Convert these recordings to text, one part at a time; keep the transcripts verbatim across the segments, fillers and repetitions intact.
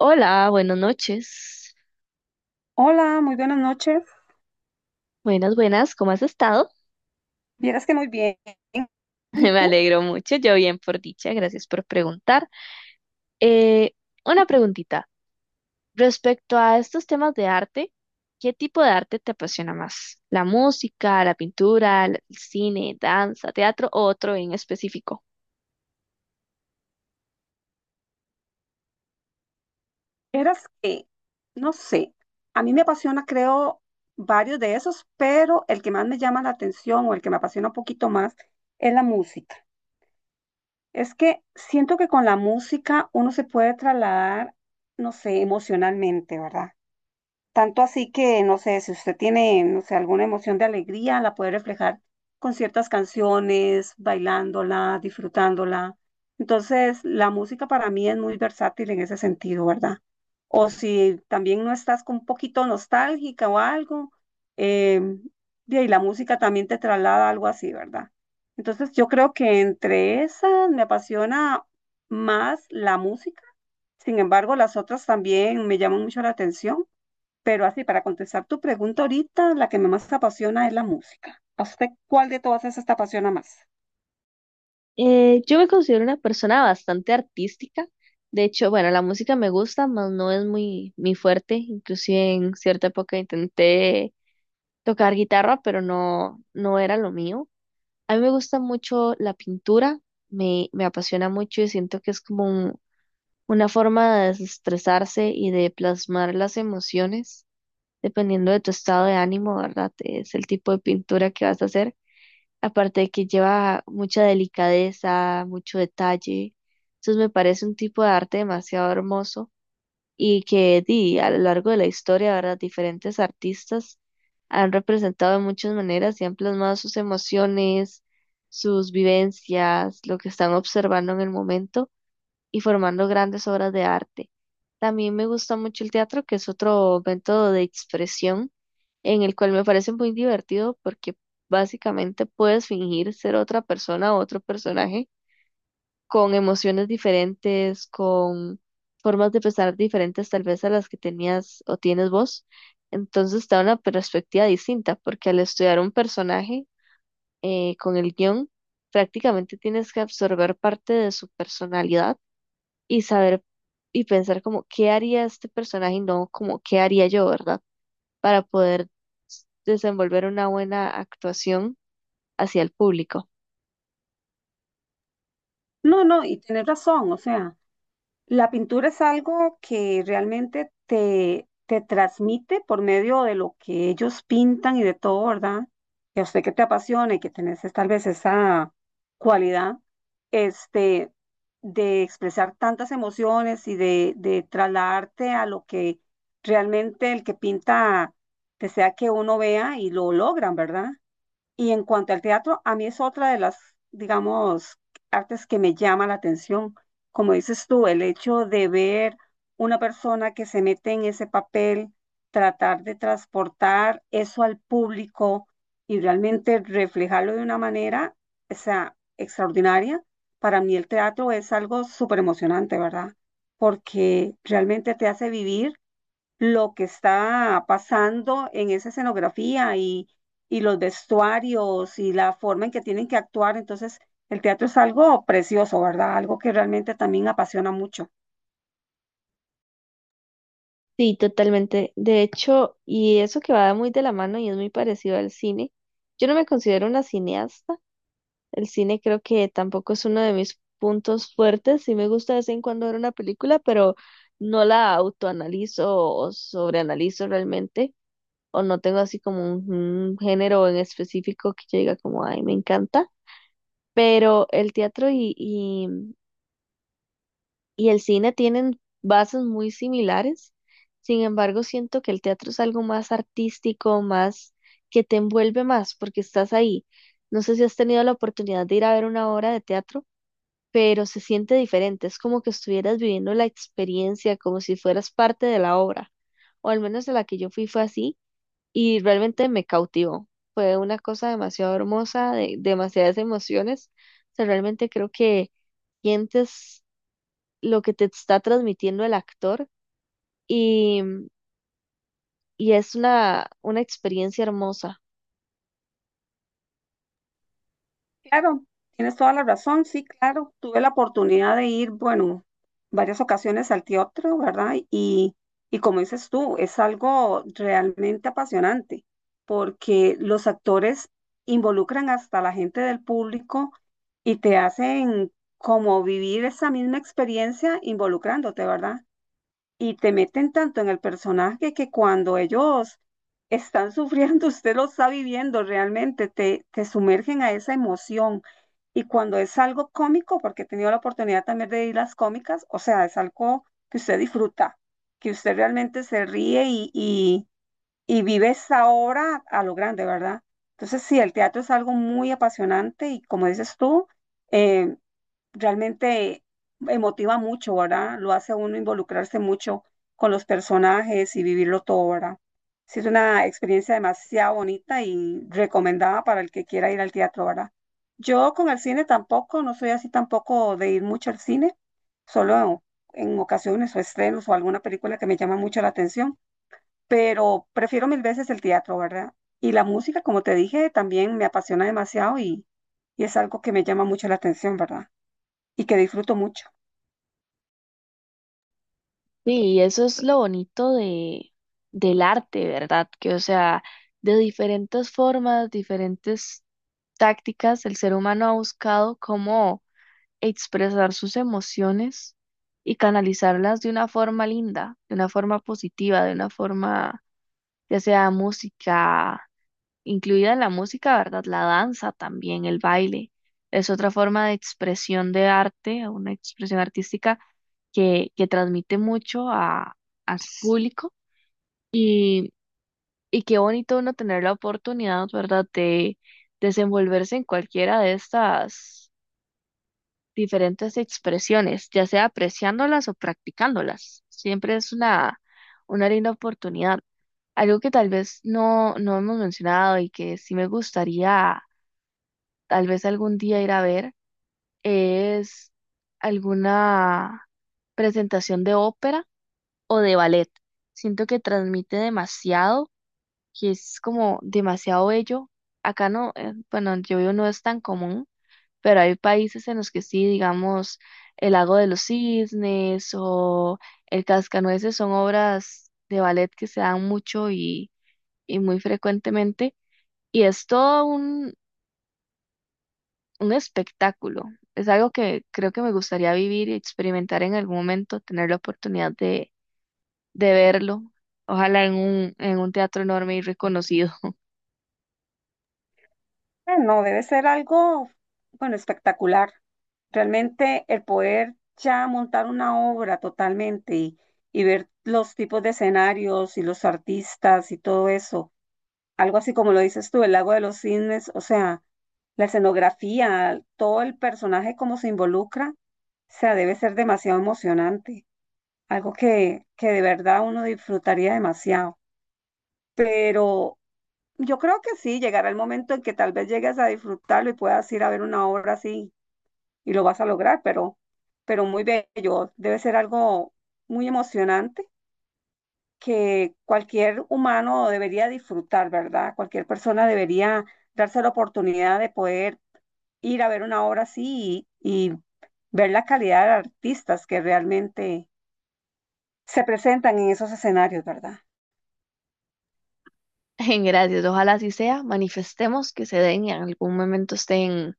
Hola, buenas noches. Hola, muy buenas noches. Buenas, buenas, ¿cómo has estado? Vieras que muy bien. ¿Y Me tú? alegro mucho, yo bien por dicha, gracias por preguntar. Eh, una preguntita, respecto a estos temas de arte, ¿qué tipo de arte te apasiona más? ¿La música, la pintura, el cine, danza, teatro o otro en específico? Vieras que, no sé, a mí me apasiona, creo, varios de esos, pero el que más me llama la atención o el que me apasiona un poquito más es la música. Es que siento que con la música uno se puede trasladar, no sé, emocionalmente, ¿verdad? Tanto así que, no sé, si usted tiene, no sé, alguna emoción de alegría, la puede reflejar con ciertas canciones, bailándola, disfrutándola. Entonces, la música para mí es muy versátil en ese sentido, ¿verdad? O si también no estás con un poquito nostálgica o algo, eh, y ahí la música también te traslada algo así, ¿verdad? Entonces, yo creo que entre esas me apasiona más la música. Sin embargo, las otras también me llaman mucho la atención. Pero así, para contestar tu pregunta ahorita, la que más apasiona es la música. ¿A usted cuál de todas esas te apasiona más? Eh, yo me considero una persona bastante artística. De hecho, bueno, la música me gusta, mas no es muy, muy fuerte. Inclusive en cierta época intenté tocar guitarra, pero no, no era lo mío. A mí me gusta mucho la pintura, me, me apasiona mucho y siento que es como un- una forma de desestresarse y de plasmar las emociones, dependiendo de tu estado de ánimo, ¿verdad? Es el tipo de pintura que vas a hacer. Aparte de que lleva mucha delicadeza, mucho detalle. Entonces me parece un tipo de arte demasiado hermoso y que di, a lo largo de la historia, ¿verdad? Diferentes artistas han representado de muchas maneras y han plasmado sus emociones, sus vivencias, lo que están observando en el momento y formando grandes obras de arte. También me gusta mucho el teatro, que es otro método de expresión en el cual me parece muy divertido porque básicamente puedes fingir ser otra persona o otro personaje con emociones diferentes, con formas de pensar diferentes tal vez a las que tenías o tienes vos. Entonces te da una perspectiva distinta, porque al estudiar un personaje eh, con el guión, prácticamente tienes que absorber parte de su personalidad y saber y pensar como qué haría este personaje y no como qué haría yo, ¿verdad? Para poder s- desenvolver una buena actuación hacia el público. No, no, y tienes razón, o sea. La pintura es algo que realmente te, te transmite por medio de lo que ellos pintan y de todo, ¿verdad? Que a usted que te apasiona y que tenés es tal vez esa cualidad, este, de expresar tantas emociones y de, de trasladarte a lo que realmente el que pinta desea que uno vea y lo logran, ¿verdad? Y en cuanto al teatro, a mí es otra de las, digamos, artes que me llama la atención. Como dices tú, el hecho de ver una persona que se mete en ese papel, tratar de transportar eso al público y realmente reflejarlo de una manera, o sea, extraordinaria. Para mí el teatro es algo súper emocionante, ¿verdad? Porque realmente te hace vivir lo que está pasando en esa escenografía y, y los vestuarios y la forma en que tienen que actuar. Entonces, el teatro es algo precioso, ¿verdad? Algo que realmente también apasiona mucho. Sí, totalmente. De hecho, y eso que va muy de la mano y es muy parecido al cine, yo no me considero una cineasta. El cine creo que tampoco es uno de mis puntos fuertes. Sí me gusta de vez en cuando ver una película, pero no la autoanalizo o sobreanalizo realmente, o no tengo así como un, un género en específico que yo diga como, ay, me encanta. Pero el teatro y, y el cine tienen bases muy similares. Sin embargo, siento que el teatro es algo más artístico, más que te envuelve más porque estás ahí. No sé si has tenido la oportunidad de ir a ver una obra de teatro, pero se siente diferente. Es como que estuvieras viviendo la experiencia, como si fueras parte de la obra. O al menos de la que yo fui fue así y realmente me cautivó. Fue una cosa demasiado hermosa, de demasiadas emociones. O sea, realmente creo que sientes lo que te está transmitiendo el actor y, y es una, una experiencia hermosa. Claro, tienes toda la razón, sí, claro. Tuve la oportunidad de ir, bueno, varias ocasiones al teatro, ¿verdad? Y, y como dices tú, es algo realmente apasionante, porque los actores involucran hasta la gente del público y te hacen como vivir esa misma experiencia involucrándote, ¿verdad? Y te meten tanto en el personaje que cuando ellos están sufriendo, usted lo está viviendo realmente, te, te sumergen a esa emoción. Y cuando es algo cómico, porque he tenido la oportunidad también de ir a las cómicas, o sea, es algo que usted disfruta, que usted realmente se ríe y, y, y vive esa obra a lo grande, ¿verdad? Entonces, sí, el teatro es algo muy apasionante y como dices tú, eh, realmente emotiva mucho, ¿verdad? Lo hace a uno involucrarse mucho con los personajes y vivirlo todo, ¿verdad? Sí, es una experiencia demasiado bonita y recomendada para el que quiera ir al teatro, ¿verdad? Yo con el cine tampoco, no soy así tampoco de ir mucho al cine, solo en ocasiones o estrenos o alguna película que me llama mucho la atención, pero prefiero mil veces el teatro, ¿verdad? Y la música, como te dije, también me apasiona demasiado y, y es algo que me llama mucho la atención, ¿verdad? Y que disfruto mucho. Sí, y eso es lo bonito de, del arte, ¿verdad? Que, o sea, de diferentes formas, diferentes tácticas, el ser humano ha buscado cómo expresar sus emociones y canalizarlas de una forma linda, de una forma positiva, de una forma, ya sea música, incluida la música, ¿verdad? La danza también, el baile. Es otra forma de expresión de arte, una expresión artística que, que transmite mucho a, a su público y, y qué bonito uno tener la oportunidad, ¿verdad?, de desenvolverse en cualquiera de estas diferentes expresiones, ya sea apreciándolas o practicándolas. Siempre es una, una linda oportunidad. Algo que tal vez no, no hemos mencionado y que sí me gustaría tal vez algún día ir a ver, es alguna presentación de ópera o de ballet. Siento que transmite demasiado, que es como demasiado bello. Acá no, eh, bueno, yo vivo no es tan común, pero hay países en los que sí, digamos, el Lago de los Cisnes o el Cascanueces son obras de ballet que se dan mucho y, y muy frecuentemente. Y es todo un espectáculo. Es algo que creo que me gustaría vivir y experimentar en algún momento, tener la oportunidad de, de verlo. Ojalá en un, en un teatro enorme y reconocido. Ah, no, debe ser algo, bueno, espectacular. Realmente el poder ya montar una obra totalmente y, y ver los tipos de escenarios y los artistas y todo eso, algo así como lo dices tú, el Lago de los Cisnes, o sea, la escenografía, todo el personaje como se involucra, o sea, debe ser demasiado emocionante, algo que, que de verdad uno disfrutaría demasiado. Pero yo creo que sí, llegará el momento en que tal vez llegues a disfrutarlo y puedas ir a ver una obra así y lo vas a lograr, pero, pero muy bello. Debe ser algo muy emocionante que cualquier humano debería disfrutar, ¿verdad? Cualquier persona debería darse la oportunidad de poder ir a ver una obra así y, y ver la calidad de artistas que realmente se presentan en esos escenarios, ¿verdad? En gracias, ojalá así sea. Manifestemos que se den y en algún momento estén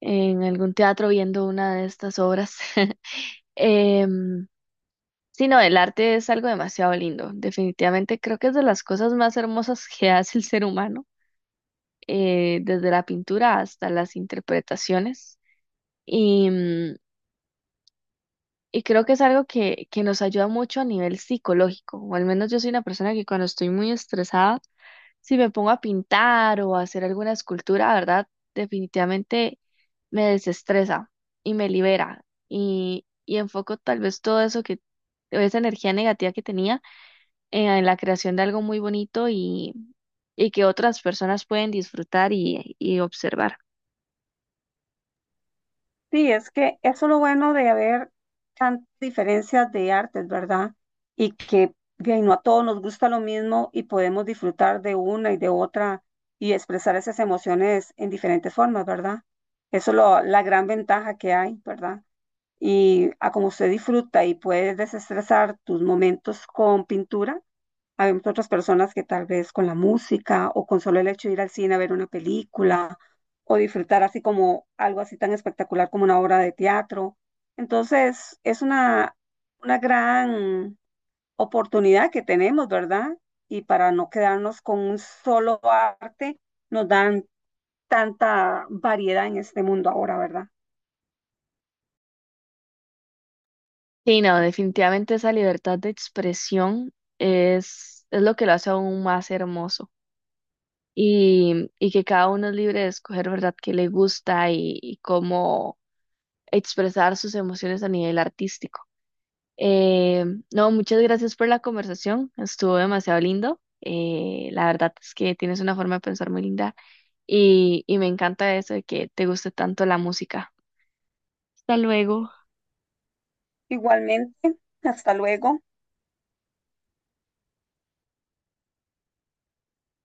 en algún teatro viendo una de estas obras. Em, sí, no, el arte es algo demasiado lindo. Definitivamente creo que es de las cosas más hermosas que hace el ser humano, eh, desde la pintura hasta las interpretaciones. Y, mm, y creo que es algo que, que nos ayuda mucho a nivel psicológico, o al menos yo soy una persona que cuando estoy muy estresada, si me pongo a pintar o a hacer alguna escultura, ¿verdad? Definitivamente me desestresa y me libera y, y enfoco tal vez todo eso que, esa energía negativa que tenía en, en la creación de algo muy bonito y, y que otras personas pueden disfrutar y, y observar. Sí, es que eso es lo bueno de haber tantas diferencias de artes, ¿verdad? Y que bien, no a todos nos gusta lo mismo y podemos disfrutar de una y de otra y expresar esas emociones en diferentes formas, ¿verdad? Eso es lo- la gran ventaja que hay, ¿verdad? Y a como usted disfruta y puedes desestresar tus momentos con pintura, habemos otras personas que tal vez con la música o con solo el hecho de ir al cine a ver una película o disfrutar así como algo así tan espectacular como una obra de teatro. Entonces, es una, una gran oportunidad que tenemos, ¿verdad? Y para no quedarnos con un solo arte, nos dan tanta variedad en este mundo ahora, ¿verdad? Sí, no, definitivamente esa libertad de expresión es, es lo que lo hace aún más hermoso y, y que cada uno es libre de escoger, ¿verdad?, qué le gusta y, y cómo expresar sus emociones a nivel artístico. Eh, no, muchas gracias por la conversación, estuvo demasiado lindo. Eh, la verdad es que tienes una forma de pensar muy linda y, y me encanta eso de que te guste tanto la música. Hasta luego. Igualmente, hasta luego.